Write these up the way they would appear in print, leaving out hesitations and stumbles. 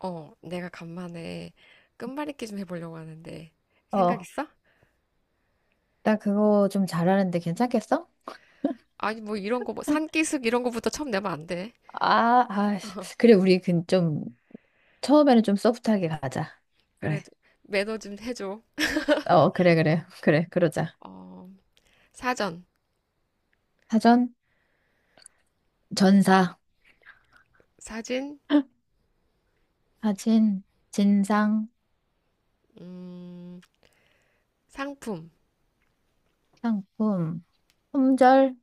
어, 내가 간만에 끝말잇기 좀 해보려고 하는데 생각 어, 있어? 나 그거 좀 잘하는데 괜찮겠어? 아니 뭐 이런 거 뭐 산기슭 이런 거부터 처음 내면 안 돼. 아, 아, 어, 그래, 우리 그 좀, 처음에는 좀 소프트하게 가자. 그래. 그래도 매너 좀 해줘. 어, 그래, 그래. 어, 그래, 그러자. 어, 사전, 사전, 전사, 사진, 사진, 진상, 음, 상품, 상품, 품절.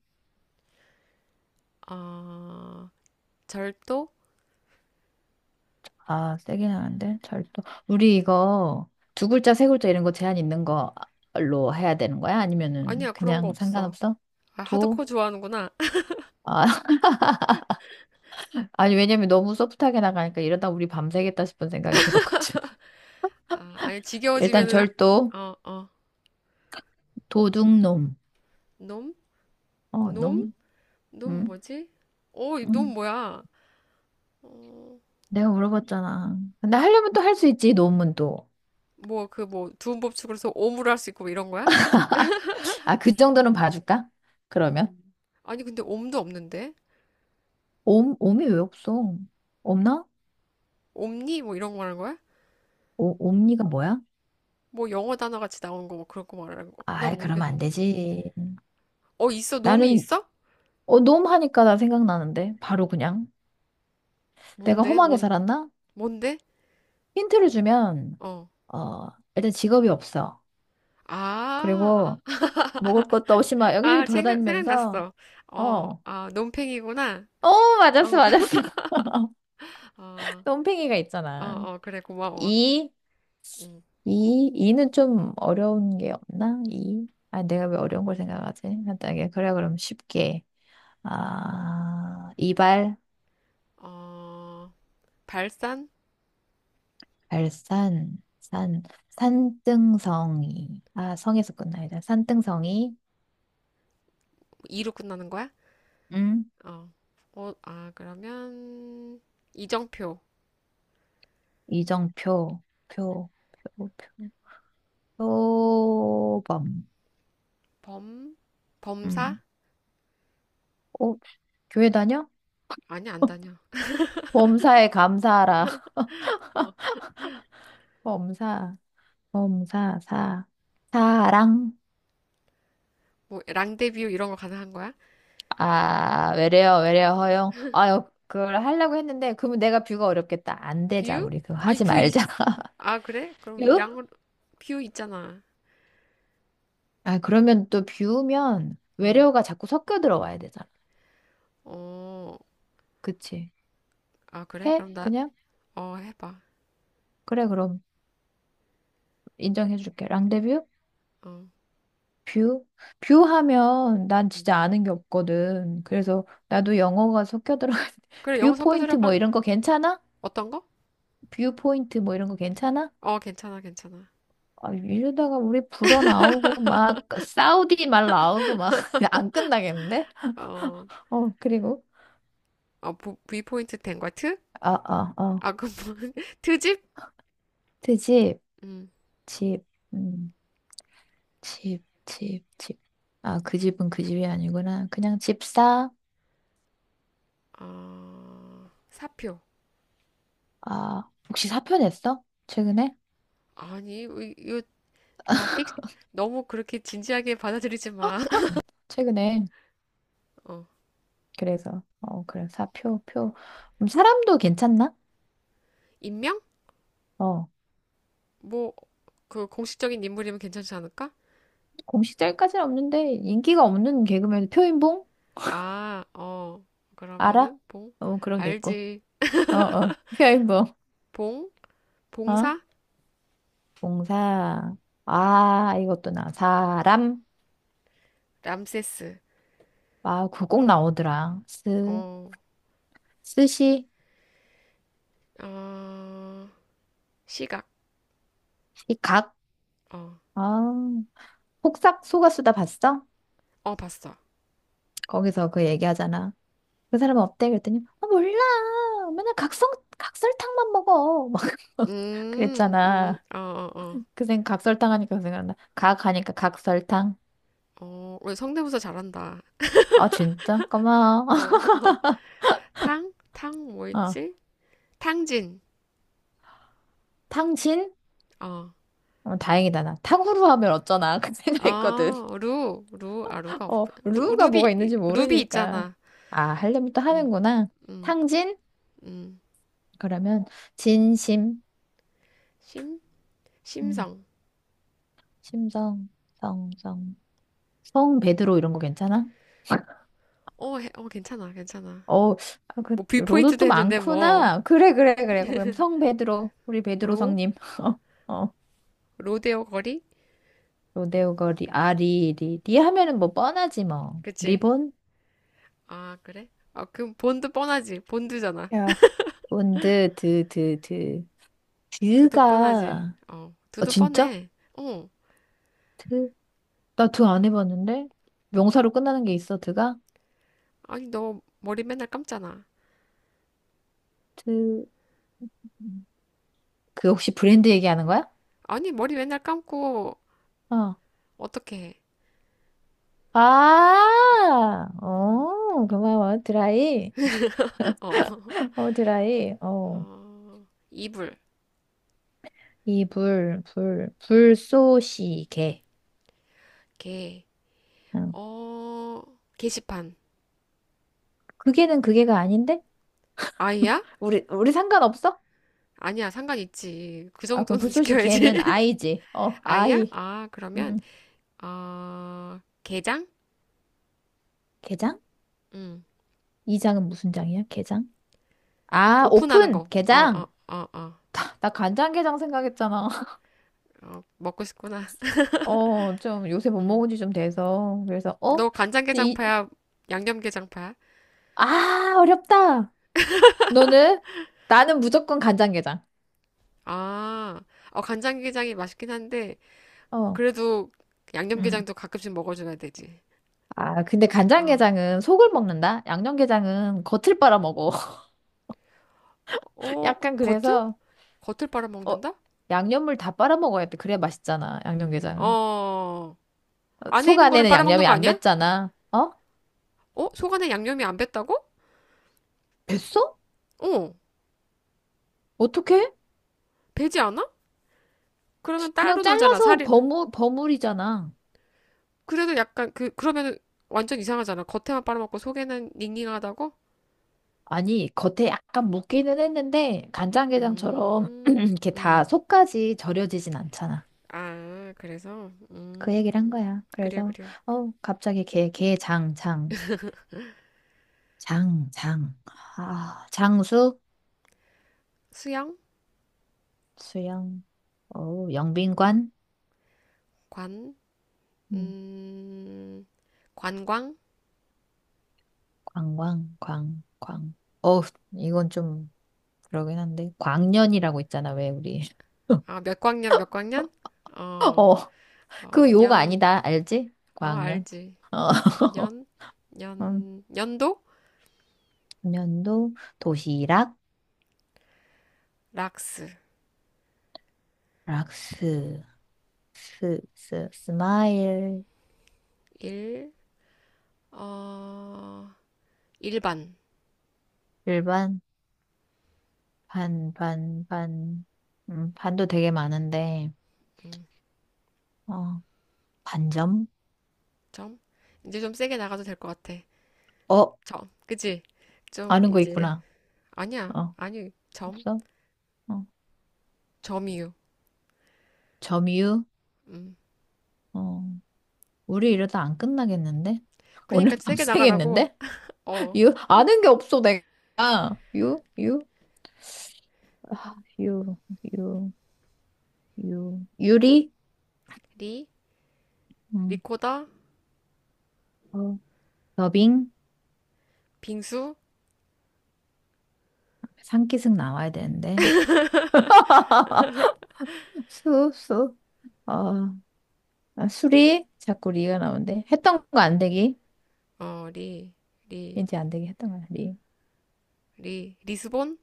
어, 절도? 아, 세긴 하는데, 절도. 우리 이거 두 글자, 세 글자 이런 거 제한 있는 걸로 해야 되는 거야? 아니면은 아니야, 그런 거 그냥 없어. 상관없어? 아, 도? 하드코어 좋아하는구나. 아, 아니, 왜냐면 너무 소프트하게 나가니까 이러다 우리 밤새겠다 싶은 생각이 들었거든. 아, 아니 일단 지겨워지면은 절도, 어, 어, 도둑놈. 놈? 어, 놈? 놈? 놈 응? 뭐지? 어, 응, 이놈 뭐야? 어, 내가 물어봤잖아. 근데 하려면 또 할 수 있지, 놈은 또. 뭐 그 뭐 두음법칙으로서 옴을 할 수 있고 뭐 이런 거야? 아, 그 정도는 봐줄까? 그러면? 음. 아니 근데 옴도 없는데 옴, 옴이 왜 없어? 없나? 옴니 뭐 이런 거 말하는 거야? 오, 옴니가 뭐야? 뭐 영어 단어 같이 나오는 거 뭐 그런 거 말하는 거? 난 아이, 그러면 안 모르겠는데. 되지. 어, 있어, 놈이 나는, 있어? 어, 놈 하니까 나 생각나는데. 바로 그냥. 내가 뭔데? 험하게 뭔 살았나? 뭔데? 힌트를 주면, 어. 어, 일단 직업이 없어. 아, 그리고 먹을 것도 없이 막 여기저기 아, 돌아다니면서, 생각났어. 어, 어, 아, 놈팽이구나. 어, 맞았어, 어, 맞았어. 어, 똥팽이가 어, 있잖아. 어, 그래, 고마워. 이, 응. 이, 이는 좀 어려운 게 없나? 이. 아, 내가 왜 어려운 걸 생각하지? 간단하게. 그래, 그럼 쉽게. 아, 이발, 어, 발산? 발산, 산, 산등성이. 아, 성에서 끝나야 산등성이, 뭐 이로 끝나는 거야? 응, 어, 어, 아, 그러면, 이정표. 이정표, 표, 표, 표, 표범. 범, 범사? 음. 어, 교회 다녀? 아니, 안 다녀. 범사에 감사하라. 어. 범사, 범사, 사, 사랑. 뭐, 랑데뷰 이런 거 가능한 거야? 아, 외래어, 외래어 허용. 아, 그걸 하려고 했는데, 그러면 내가 뷰가 어렵겠다. 안 되자, 뷰? 우리. 그거 아니, 하지 뷰, 말자. 아, 그래? 그럼 뷰? 랑, 뷰 있잖아. 아, 그러면 또 뷰면 응. 외래어가 자꾸 섞여 들어와야 되잖아. 어, 그치? 아, 그래? 해? 그럼 나, 그냥? 어, 해봐. 그래, 그럼 인정해줄게. 랑데뷰? 어. 뷰? 뷰 하면 난 응. 진짜 아는 게 없거든. 그래서 나도 영어가 섞여 들어가. 그래, 영어 뷰 포인트 뭐 섞여들어간, 이런 거 괜찮아? 어떤 거? 뷰 포인트 뭐 이런 거 괜찮아? 어, 괜찮아, 괜찮아. 아, 이러다가 우리 불어 나오고 막 사우디 말 나오고 막 안 끝나겠는데? 어, 어, 그리고 어, V포인트 된 거야? 트? 아아 아, 아, 그 뭐, 트집? 그 집, 응. 집집집집집아 그 집은 그 집이 아니구나. 그냥 집사. 어, 사표. 아, 혹시 사표 냈어? 최근에? 아니, 이거 다 픽, 너무 그렇게 진지하게 받아들이지 마. 최근에, 어. 그래서 어, 그래, 사표, 표. 사람도 괜찮나? 인명? 어. 뭐, 그 공식적인 인물이면 괜찮지 않을까? 공식 짤까지는 없는데 인기가 없는 개그맨 표인봉. 아, 어, 알아? 그러면은 봉, 어, 그럼 내고. 알지, 어어 표인봉. 봉, 어? 봉사, 동사. 아, 이것도 나. 사람. 람세스, 아, 그거 꼭 나오더라. 스, 어, 스시, 어, 시각, 시각. 어, 아, 폭삭 속았수다 봤어? 어, 봤어. 거기서 그 얘기하잖아. 그 사람은 어때? 그랬더니, 아, 몰라. 맨날 각성, 각설탕만 먹어. 막 그랬잖아. 어, 어, 어, 그 생, 각설탕 하니까 그 생각나. 각 하니까 각설탕. 어, 우리 성대모사 잘한다. 아, 진짜? 고마워. 어, 탕, 탕, 어, 뭐였지? 탕진, 탕진? 어, 어, 다행이다, 나. 탕후루 하면 어쩌나. 그 생각했거든. 아, 루, 루, 아, 루가 어, 없구나. 루, 루가 뭐가 루비, 있는지 루비 모르니까. 있잖아. 아, 하려면 또 음, 하는구나. 음, 탕진? 음, 그러면 진심, 심, 음, 심성. 심성, 성, 성, 성 베드로 이런 거 괜찮아? 어, 어, 괜찮아, 괜찮아. 어, 아, 그 뭐, 로도 뷰포인트도 또 했는데, 뭐, 많구나. 그래, 그래, 그래. 그럼 성 베드로, 우리 베드로 로? 성님. 어, 어. 로데오 거리? 로데오 거리, 아, 리, 리. 리 하면은 뭐 뻔하지 뭐. 그치? 리본? 아, 그래? 아, 그럼 본드 뻔하지. 본드잖아. 야, 본드, 드, 드, 드. 두두 뻔하지. 드가, 어, 어, 두두 진짜? 뻔해. 어, 나 드 안 해봤는데? 명사로 끝나는 게 있어, 드가? 아니, 너 머리 맨날 감잖아. 드, 그 혹시 브랜드 얘기하는 거야? 아니, 머리 맨날 감고, 어. 어떻게 해? 아, 음, 어, 고마워. 드라이. 어, 어, 드라이. 어. 어, 이불, 이 불, 불, 불쏘시개. 개, 어. 어, 게시판. 그게는 그게가 아닌데? 아이야? 우리, 우리 상관없어? 아니야, 상관 있지. 그 아, 그럼 정도는 불쏘시개는 지켜야지. 아이지. 어, 아이야? 아이. 아, 그러면, 음. 어, 게장? 게장? 음. 이 장은 무슨 장이야? 게장? 아, 오픈하는 오픈! 거. 어, 어, 게장! 어, 어. 나, 나 간장게장 생각했잖아. 어, 먹고 싶구나. 어, 좀 요새 못 음. 먹은 지 좀 돼서. 그래서, 어? 너 이, 간장게장파야? 양념게장파야? 아, 어렵다. 너는? 나는 무조건 간장게장. 아, 어, 간장게장이 맛있긴 한데, 어. 그래도 음. 양념게장도 가끔씩 먹어줘야 되지. 아, 근데 어, 간장게장은 속을 먹는다? 양념게장은 겉을 빨아먹어. 어, 약간 겉을? 그래서, 겉을 어, 빨아먹는다? 양념물 다 빨아먹어야 돼. 그래야 맛있잖아, 양념게장은. 어, 어, 안에 속 있는 거를 안에는 빨아먹는 양념이 거 안 아니야? 뱄잖아. 어? 어, 속 안에 양념이 안 뱄다고? 뱄어? 어, 어떻게? 배지 않아? 그러면 그냥 따로 놀잖아, 잘라서 살이. 버무, 버무리잖아. 그래도 약간 그러면 완전 이상하잖아. 겉에만 빨아먹고 속에는 닝닝하다고? 아니, 겉에 약간 묻기는 했는데, 간장게장처럼 음, 이렇게 다 음. 속까지 절여지진 않잖아. 아, 그래서, 그 얘기를 한 거야. 그래요, 그래서, 그래요. 어, 갑자기 게, 게, 장, 장, 장, 장. 아, 장수, 수영, 수영, 어, 영빈관, 관, 음, 음, 관광? 광광, 광, 광. 어, 이건 좀 그러긴 한데. 광년이라고 있잖아, 왜 우리. 아, 몇 광년, 몇 광년? 어, 어, 어, 그 요가 년, 아니다, 알지? 어, 광년. 알지. 어. 년, 년, 년도? 연도, 도시락, 락스, 락스, 스, 스, 스마일, 일, 어, 일반, 일반, 반, 반, 반. 반도 되게 많은데. 어, 반점. 점. 이제 좀 세게 나가도 될 것 같아. 어, 점, 그치? 좀, 아는 거 이제, 있구나. 아니야, 어, 아니, 점, 없어. 어, 점이유. 점유. 음. 어, 우리 이러다 안 끝나겠는데. 오늘 그니까 세게 나가라고. 밤새겠는데. 어, 유, 아는 게 없어 내가. 유, 유, 아, 유, 유, 유, 유리. 리, 음, 리코다, 어, 더빙. 빙수, 상기승 나와야 되는데. 수, 수. 어, 아, 수리? 자꾸 리가 나오는데. 했던 거 안 되기? 어, 리, 리, 이제 안 되기 했던 거야, 리. 리, 리스본?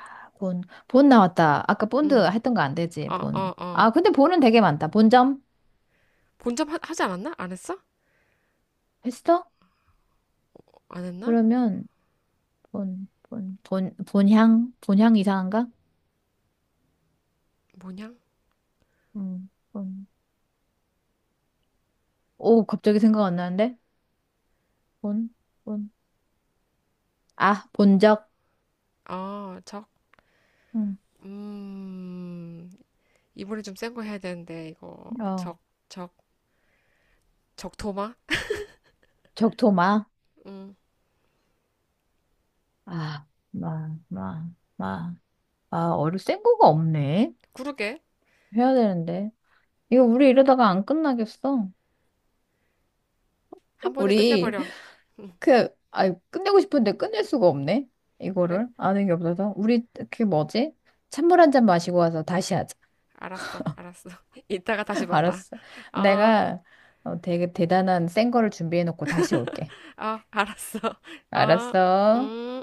아, 본. 본 나왔다. 아까 본드 응, 했던 거 안 되지, 어, 어, 본. 어. 아, 근데 본은 되게 많다. 본점? 본점 하지 않았나? 안 했어? 했어? 안 했나? 그러면, 본, 본, 본, 본향? 본향 이상한가? 뭐냐. 본. 오, 갑자기 생각 안 나는데? 본, 본. 아, 본적? 아, 적. 음, 음, 이번에 좀 센 거 해야 되는데, 이거. 어. 적, 적, 적토마? 적토마? 음, 아, 마, 마, 마. 아, 어류 센 거가 없네. 그러게. 해야 되는데. 이거 우리 이러다가 안 끝나겠어. 한 번에 우리 끝내버려. 음, 그, 아, 끝내고 싶은데 끝낼 수가 없네. 그래? 이거를 아는 게 없어서. 우리 그 뭐지? 찬물 한 잔 마시고 와서 다시 하자. 알았어, 알았어. 이따가 다시 만나. 알았어. 아, 내가 어, 되게 대단한 센 거를 준비해 놓고 다시 올게. 아, 알았어. 아, 알았어. 음.